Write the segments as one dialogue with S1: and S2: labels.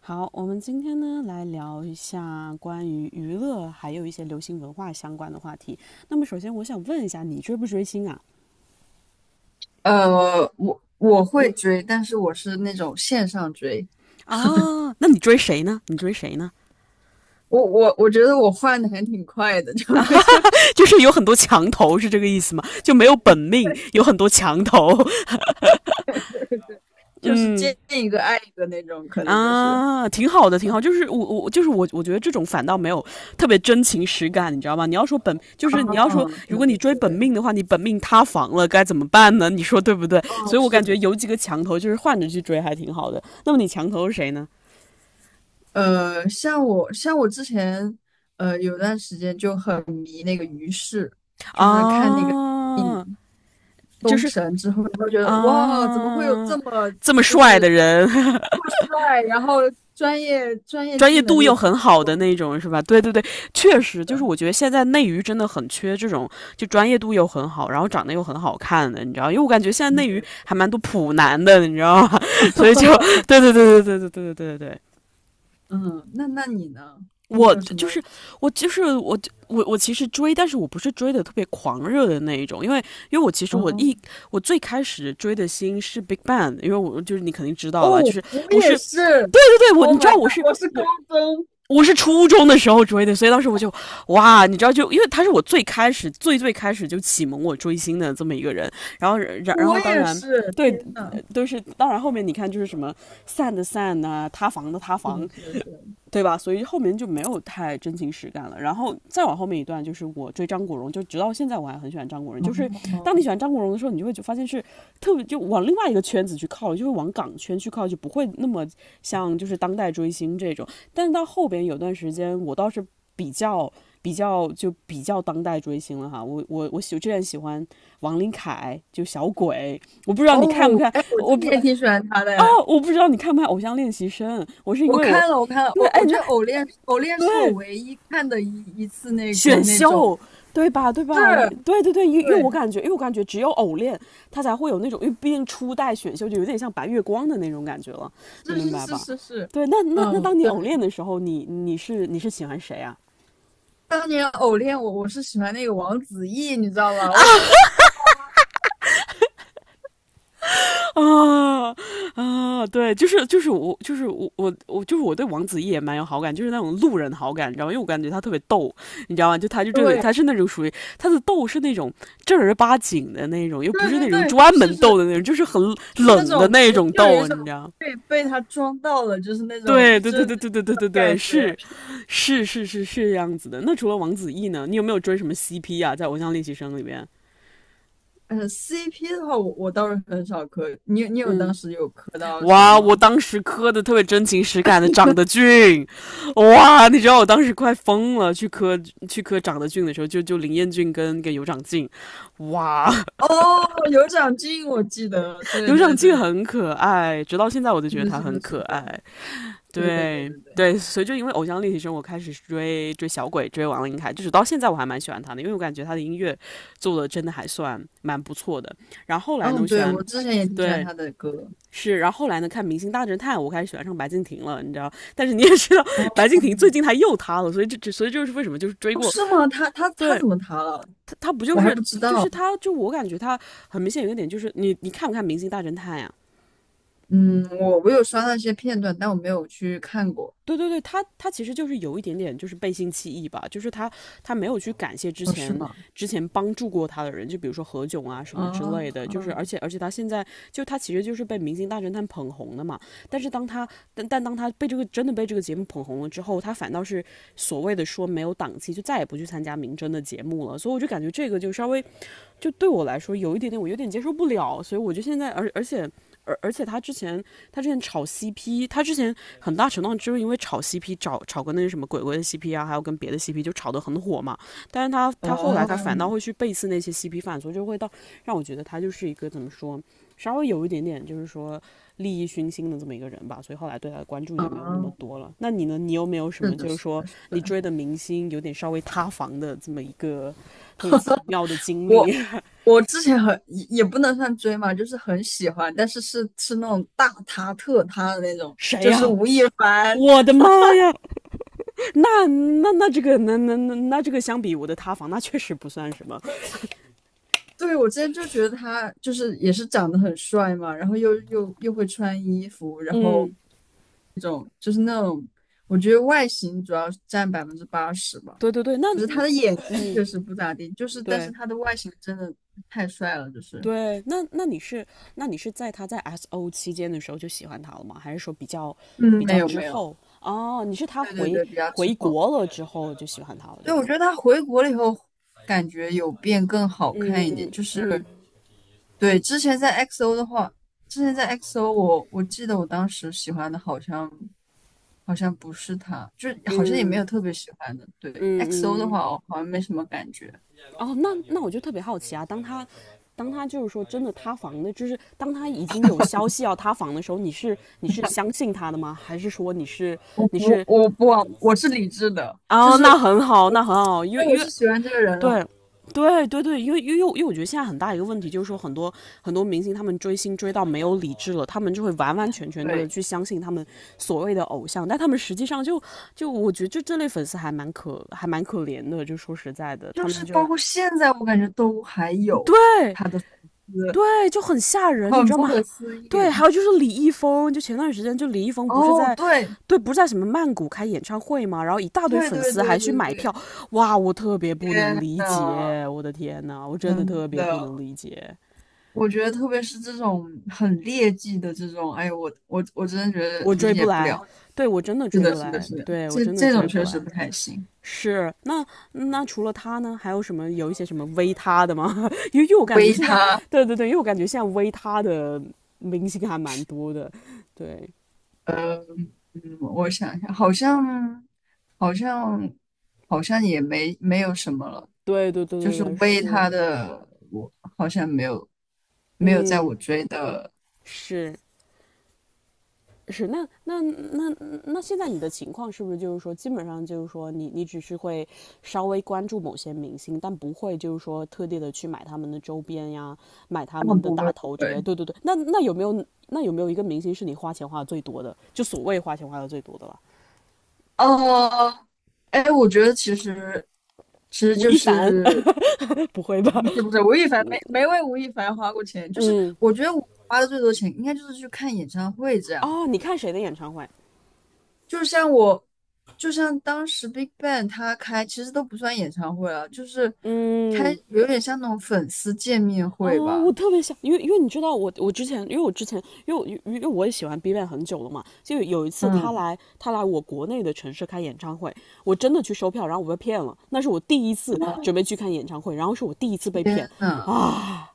S1: 好，我们今天呢来聊一下关于娱乐还有一些流行文化相关的话题。那么首先我想问一下，你追不追星啊？
S2: 我会追，但是我是那种线上追。
S1: 啊，那你追谁呢？
S2: 我觉得我换的还挺快的，就就是
S1: 就是有很多墙头，是这个意思吗？就没有本命，有很多墙头。
S2: 就是见
S1: 嗯，
S2: 一个爱一个那种，可能就是。
S1: 啊，挺好的，挺好。就是我觉得这种反倒没有特别真情实感，你知道吗？你要说本就是你要说，
S2: 哦，
S1: 如
S2: 对
S1: 果
S2: 对
S1: 你追本
S2: 对。
S1: 命的话，你本命塌房了该怎么办呢？你说对不对？
S2: 哦。
S1: 所以我
S2: 是。
S1: 感觉有几个墙头就是换着去追还挺好的。那么你墙头是谁呢？
S2: 像我之前，有段时间就很迷那个于适，就是看那个
S1: 啊，就
S2: 《封
S1: 是
S2: 神》之后，然后觉得哇，怎么会有
S1: 啊，
S2: 这么
S1: 这么帅的人，
S2: 酷帅，然后专业
S1: 专
S2: 技
S1: 业
S2: 能
S1: 度
S2: 又
S1: 又
S2: 不
S1: 很好的
S2: 错
S1: 那种，是吧？对对对，确实就
S2: 的？
S1: 是我觉得现在内娱真的很缺这种，就专业度又很好，然后长得又很好看的，你知道？因为我感觉现在内娱还蛮多普男的，你知道吗？所以就对对对对对对对对对对，
S2: 嗯，那那你呢？你
S1: 我
S2: 有什
S1: 就
S2: 么？
S1: 是我就是我我其实追，但是我不是追的特别狂热的那一种，因为我其实我
S2: 哦。
S1: 一我最开始追的星是 Big Bang。因为我就是你肯定知道
S2: 哦，
S1: 了吧？就是
S2: 我
S1: 我
S2: 也
S1: 是
S2: 是
S1: 对我
S2: ，Oh
S1: 你知
S2: my
S1: 道我
S2: god,
S1: 是
S2: 我是高
S1: 我
S2: 中。
S1: 我是初中的时候追的，所以当时我就哇，你知道就因为他是我最最开始就启蒙我追星的这么一个人。然后然然
S2: 我
S1: 后当
S2: 也
S1: 然
S2: 是，
S1: 对
S2: 天呐。
S1: 都是当然后面你看就是什么散的散啊，塌房的塌
S2: 是的，
S1: 房，
S2: 是的，是的。
S1: 对吧？所以后面就没有太真情实感了。然后再往后面一段，就是我追张国荣，就直到现在我还很喜欢张国荣。就是当你
S2: 哦。
S1: 喜欢张国荣的时候，你就发现是特别就往另外一个圈子去靠，就会往港圈去靠，就不会那么像就是当代追星这种。但是到后边有段时间，我倒是比较比较当代追星了哈。我之前喜欢王琳凯，就小鬼。我不知道你看不
S2: 哦，
S1: 看，
S2: 哎，我
S1: 我
S2: 真的
S1: 不
S2: 也挺喜
S1: 啊，
S2: 欢他的哎。
S1: 哦，我不知道你看不看《偶像练习生》。我是因
S2: 我
S1: 为我。
S2: 看了，我看了，
S1: 对，
S2: 我
S1: 哎，
S2: 我觉得《偶恋》是我
S1: 对，
S2: 唯一看的一次那个
S1: 选
S2: 那种。
S1: 秀，对吧？对
S2: 是。
S1: 吧？对对对，因为因为我
S2: 对。
S1: 感觉，因为我感觉只有偶练，他才会有那种，因为毕竟初代选秀就有点像白月光的那种感觉了，你
S2: 是
S1: 明
S2: 是
S1: 白
S2: 是
S1: 吧？
S2: 是是。
S1: 对，那
S2: 嗯，
S1: 当你
S2: 对，
S1: 偶练的时候，你是喜欢谁啊？
S2: 当年《偶恋》我是喜欢那个王子异，你知道吗？我觉得哇，
S1: 啊啊，对，就是就是我就是我我我就是我对王子异也蛮有好感，就是那种路人好感，你知道吗？因为我感觉他特别逗，你知道吗？就他就这里他
S2: 对
S1: 是那种属于他的逗是那种正儿八经的那种，又不
S2: 对
S1: 是
S2: 对
S1: 那种
S2: 对，
S1: 专
S2: 是
S1: 门
S2: 是，
S1: 逗的那种，就是很
S2: 就是那
S1: 冷的
S2: 种
S1: 那
S2: 就
S1: 种
S2: 就有一
S1: 逗，
S2: 种
S1: 你知道吗？
S2: 被他装到了，就是那种
S1: 对
S2: 就
S1: 对对
S2: 是那
S1: 对对对对
S2: 种
S1: 对对，
S2: 感觉。
S1: 是是是是是，这样子的。那除了王子异呢，你有没有追什么 CP 啊？在《偶像练习生》里边，
S2: 嗯，CP 的话，我倒是很少磕，你有当
S1: 嗯，
S2: 时有磕到谁
S1: 哇！
S2: 吗？
S1: 我当时磕的特别真情实感的，长得俊，哇！你知道我当时快疯了，去磕长得俊的时候，就林彦俊跟尤长靖，哇！
S2: 哦，有长进，我记得，对
S1: 尤长
S2: 对
S1: 靖
S2: 对。
S1: 很可爱，直到现在我都
S2: 是
S1: 觉得
S2: 的，
S1: 他
S2: 是
S1: 很
S2: 的，是
S1: 可
S2: 的。
S1: 爱。
S2: 对对对
S1: 对
S2: 对对。
S1: 对，所以就因为《偶像练习生》，我开始追小鬼，追王琳凯，就是到现在我还蛮喜欢他的，因为我感觉他的音乐做的真的还算蛮不错的。然后后来呢，
S2: 嗯，
S1: 我喜
S2: 对，
S1: 欢，
S2: 我之前也挺喜欢
S1: 对。
S2: 他的歌。
S1: 是，然后后来呢，看《明星大侦探》，我开始喜欢上白敬亭了，你知道？但是你也知道，
S2: 哦。
S1: 白敬亭最近他又塌了，所以所以就是为什么就是追
S2: 哦
S1: 过。
S2: 是吗？他
S1: 对，
S2: 怎么塌了？
S1: 他他不就
S2: 我还
S1: 是
S2: 不知
S1: 就
S2: 道。
S1: 是他就我感觉他很明显有一个点就是你看不看《明星大侦探》呀、
S2: 嗯，我有刷到一些片段，但我没有去看过。
S1: 对对对，他他其实就是有一点点就是背信弃义吧，就是他没有去感谢之
S2: 哦，是
S1: 前
S2: 吗？
S1: 之前帮助过他的人，就比如说何炅啊什么之
S2: 哦。
S1: 类的，就是而且他其实就是被《明星大侦探》捧红的嘛。但是当他但当他被这个节目捧红了之后，他反倒是所谓的说没有档期，就再也不去参加明侦的节目了，所以我就感觉这个就稍微就对我来说有一点点，我有点接受不了，所以我就现在，而且他之前炒 CP,他之前很大程度上就是因为炒 CP 炒跟那个什么鬼鬼的 CP 啊，还有跟别的 CP 就炒得很火嘛。但是他后来
S2: 哦。
S1: 他反倒会去背刺那些 CP 犯，所以就会到让我觉得他就是一个怎么说，稍微有一点点就是说利益熏心的这么一个人吧。所以后来对他的关注就没有那么
S2: 嗯，
S1: 多了。那你呢？你有没有什
S2: 是
S1: 么
S2: 的，
S1: 就是
S2: 是
S1: 说
S2: 的，是
S1: 你
S2: 的。
S1: 追的明星有点稍微塌房的这么一个特别奇妙的经
S2: 我
S1: 历？
S2: 我之前很也也不能算追嘛，就是很喜欢，但是是那种大他特他的那种。
S1: 谁呀、啊，我的妈呀！那那那这个那那那那这个相比我的塌房，那确实不算什么。
S2: 对，我之前就觉得他就是也是长得很帅嘛，然后又会穿衣服，然后
S1: 嗯，
S2: 那种就是那种，我觉得外形主要占百分之八十吧，
S1: 对对对，那，
S2: 就是他的演技确实不咋地，就是但是
S1: 对
S2: 他的外形真的太帅了，就是
S1: 对，那你是在他在 S O 期间的时候就喜欢他了吗？还是说比较
S2: 嗯，
S1: 比
S2: 没
S1: 较
S2: 有
S1: 之
S2: 没有，
S1: 后？哦，你是他
S2: 对对
S1: 回
S2: 对，比较滞
S1: 回
S2: 后。
S1: 国了之后就喜欢他了，
S2: 对，
S1: 对
S2: 我
S1: 吧？
S2: 觉得他回国了以后，感觉有变更好
S1: 嗯
S2: 看一点。
S1: 嗯
S2: 就是
S1: 嗯
S2: 对之前在 XO 的话，之前在 XO 我记得我当时喜欢的好像不是他，就是好像也没有
S1: 嗯
S2: 特别喜欢的。对 XO 的
S1: 嗯嗯，
S2: 话，我好像没什么感觉。
S1: 哦，那我就特别好奇啊，当他就是说真的塌房的，就是当他已经有消息要塌房的时候，你是相信他的吗？还是说你是
S2: 我
S1: 你
S2: 不，
S1: 是
S2: 我不，我是理智的，就
S1: 哦，
S2: 是我，
S1: 那很好，
S2: 我
S1: 那很好，因为
S2: 对我
S1: 因
S2: 是
S1: 为
S2: 喜欢这个人了。
S1: 对。对对对，因为我觉得现在很大一个问题就是说，很多明星他们追星追到没有理智了，他们就会完完全全的
S2: 对，
S1: 去相信他们所谓的偶像，但他们实际上就我觉得就这类粉丝还蛮可怜的，就说实在的，
S2: 就
S1: 他
S2: 是
S1: 们就
S2: 包括现在，我感觉都还有
S1: 对
S2: 他的粉丝，
S1: 对，就很吓人，你
S2: 很
S1: 知道
S2: 不
S1: 吗？
S2: 可思议。
S1: 对，还有就是李易峰，就前段时间就李易峰不是
S2: 哦，
S1: 在，
S2: 对，
S1: 对，不是在什么曼谷开演唱会嘛，然后一大堆
S2: 对
S1: 粉
S2: 对
S1: 丝
S2: 对
S1: 还去
S2: 对
S1: 买票，
S2: 对。
S1: 哇，我特别不
S2: 天
S1: 能理
S2: 呐。
S1: 解，我的天呐，我真的
S2: 真
S1: 特别不能
S2: 的。
S1: 理解，
S2: 我觉得特别是这种很劣迹的这种，哎呦，我真的觉得
S1: 我
S2: 理
S1: 追不
S2: 解不
S1: 来，
S2: 了。
S1: 对我真的
S2: 是
S1: 追
S2: 的，
S1: 不
S2: 是的，
S1: 来，
S2: 是的，
S1: 对我
S2: 这
S1: 真的
S2: 这
S1: 追
S2: 种
S1: 不
S2: 确实
S1: 来。
S2: 不太行。
S1: 是，那除了他呢，还有什么有一些什么微他的吗？因为我感
S2: 微
S1: 觉现在，
S2: 他。
S1: 对对对，因为我感觉现在微他的明星还蛮多的，对，
S2: 呃，我想一下，好像好像也没有什么了，
S1: 对对对
S2: 就
S1: 对
S2: 是
S1: 对，
S2: 微
S1: 是，
S2: 他的，我好像没有在
S1: 嗯，
S2: 我追的。
S1: 是是，那现在你的情况是不是就是说，基本上就是说你只是会稍微关注某些明星，但不会就是说特地的去买他们的周边呀，买他
S2: 啊，
S1: 们的
S2: 不会
S1: 打
S2: 不
S1: 头之类。
S2: 会。
S1: 对对对，那有没有一个明星是你花钱花的最多的？就所谓花钱花的最多的了？
S2: 哦，哎，我觉得其实
S1: 吴
S2: 就
S1: 亦凡，
S2: 是
S1: 不会 吧？
S2: 不是吴亦凡没为吴亦凡花过钱，就是
S1: 嗯，
S2: 我觉得我花的最多钱应该就是去看演唱会这样，
S1: 哦，你看谁的演唱会？
S2: 就像我就像当时 BigBang 他开其实都不算演唱会了，就是开
S1: 嗯。
S2: 有点像那种粉丝见面会
S1: 哦，
S2: 吧。
S1: 我特别想，因为你知道我之前，因为我之前，因为我也喜欢 b 站 a n 很久了嘛，就有一次他
S2: 嗯
S1: 来他来我国内的城市开演唱会，我真的去收票，然后我被骗了，那是我第一次准备去看演唱会，然后是我第一次被
S2: 真
S1: 骗
S2: 的
S1: 啊。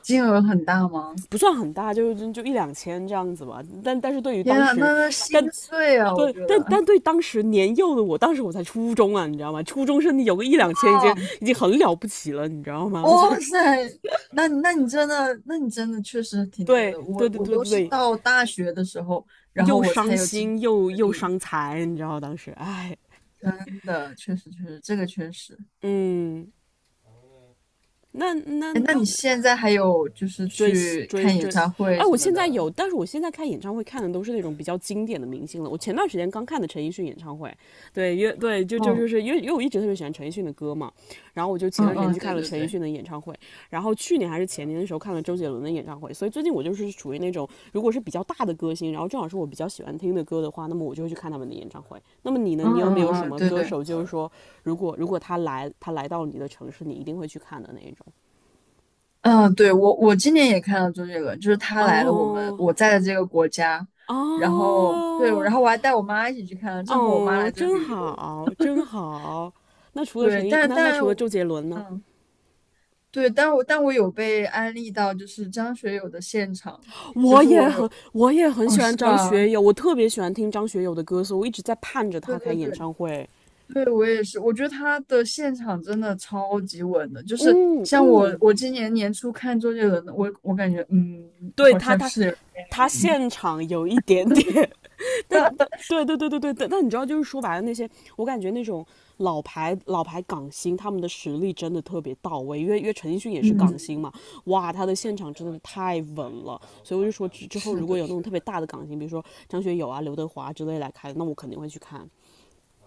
S2: 金额很大吗？
S1: 不算很大，就一两千这样子吧，但是对于
S2: 天
S1: 当
S2: 啊，
S1: 时，
S2: 那那心
S1: 但。
S2: 碎啊，我
S1: 对，
S2: 觉
S1: 但
S2: 得。
S1: 但对当时年幼的我，当时我才初中啊，你知道吗？初中生有个一两千已经很了不起了，你知道吗？所
S2: 哇
S1: 以，
S2: 塞，那那你真的，那你真的确实挺那个
S1: 对
S2: 的。我
S1: 对对
S2: 我
S1: 对
S2: 都是
S1: 对，
S2: 到大学的时候，然后
S1: 又
S2: 我
S1: 伤
S2: 才有经济
S1: 心又
S2: 实
S1: 又
S2: 力。
S1: 伤财，你知道当时，哎，
S2: 真的，确实确实，这个确实。
S1: 嗯，那那
S2: 哎，那你现在还有就是
S1: 追
S2: 去
S1: 追
S2: 看演
S1: 追，
S2: 唱会
S1: 哎，
S2: 什
S1: 我
S2: 么
S1: 现在
S2: 的？
S1: 有，但是我现在看演唱会看的都是那种比较经典的明星了。我前段时间刚看的陈奕迅演唱会，对，因为对，就就
S2: 哦。
S1: 就是因为我一直特别喜欢陈奕迅的歌嘛，然后我就前
S2: 嗯
S1: 段时间
S2: 嗯，
S1: 去
S2: 对
S1: 看了
S2: 对
S1: 陈奕
S2: 对。
S1: 迅的演唱会，然后去年还是前年的时候看了周杰伦的演唱会，所以最近我就是属于那种如果是比较大的歌星，然后正好是我比较喜欢听的歌的话，那么我就会去看他们的演唱会。那么你呢？
S2: 嗯
S1: 你有没
S2: 嗯
S1: 有什
S2: 嗯，
S1: 么
S2: 对
S1: 歌
S2: 对。
S1: 手，就是说如果他来到你的城市，你一定会去看的那一种？
S2: 嗯，对我今年也看了周杰伦，就是他来了我们
S1: 哦，
S2: 我在的这个国家，然后对，然
S1: 哦，
S2: 后我还带我妈一起去看了，正好我妈来
S1: 哦，
S2: 这
S1: 真
S2: 旅游。
S1: 好，真好。
S2: 对，但
S1: 那
S2: 但。
S1: 除了周杰伦呢？
S2: 嗯。对，但我有被安利到，就是张学友的现场，就是我有。
S1: 我也很
S2: 哦，
S1: 喜
S2: 是
S1: 欢张
S2: 吧？
S1: 学友，我特别喜欢听张学友的歌，所以我一直在盼着
S2: 对
S1: 他开
S2: 对
S1: 演
S2: 对
S1: 唱会。
S2: 对，我也是，我觉得他的现场真的超级稳的，就是
S1: 嗯
S2: 像我
S1: 嗯，
S2: 我今年年初看周杰伦的，我感觉嗯，
S1: 对
S2: 好
S1: 他，
S2: 像
S1: 他
S2: 是有点
S1: 他现场有一点点但对对对对对对，但你知道，就是说白了，那些我感觉那种老牌港星，他们的实力真的特别到位。因为陈奕迅也是港星
S2: 嗯，
S1: 嘛，哇，他的现场真的太稳了。所以我就说之后
S2: 是
S1: 如果
S2: 的，
S1: 有那种
S2: 是
S1: 特别
S2: 的，
S1: 大的港星，比如说张学友啊、刘德华啊之类来开的那我肯定会去看。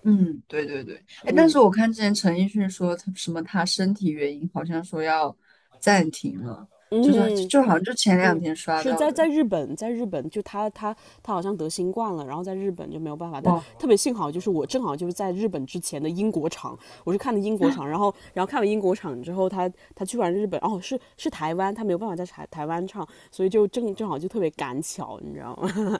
S2: 嗯，对对对，哎，但
S1: 嗯
S2: 是我看之前陈奕迅说他什么他身体原因，好像说要暂停了，就是
S1: 嗯，
S2: 就好像就前两
S1: 是
S2: 天刷
S1: 是
S2: 到
S1: 在
S2: 的。
S1: 在日本，在日本就他好像得新冠了，然后在日本就没有办法。但
S2: 哇。
S1: 特别幸好就是我正好就是在日本之前的英国场，我是看的英国场，然后看完英国场之后，他去完日本，哦是台湾，他没有办法在台湾唱，所以就正好就特别赶巧，你知道吗？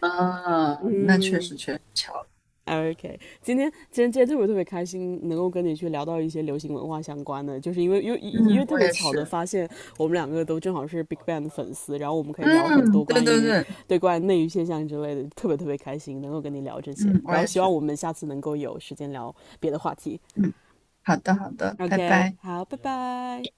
S2: 啊，那确
S1: 嗯，
S2: 实确实巧了。
S1: OK，今天特别特别开心，能够跟你去聊到一些流行文化相关的，就是因为因为因
S2: 嗯，
S1: 为特
S2: 我
S1: 别
S2: 也
S1: 巧的
S2: 是。
S1: 发现，我们两个都正好是 BigBang 的粉丝，然后我们可以聊很
S2: 嗯，
S1: 多
S2: 对
S1: 关
S2: 对
S1: 于
S2: 对。
S1: 对关于内娱现象之类的，特别特别开心能够跟你聊这些，
S2: 嗯，我
S1: 然后
S2: 也
S1: 希望
S2: 是。
S1: 我们下次能够有时间聊别的话题。
S2: 嗯，好的好的，拜
S1: OK，
S2: 拜。
S1: 好，拜拜。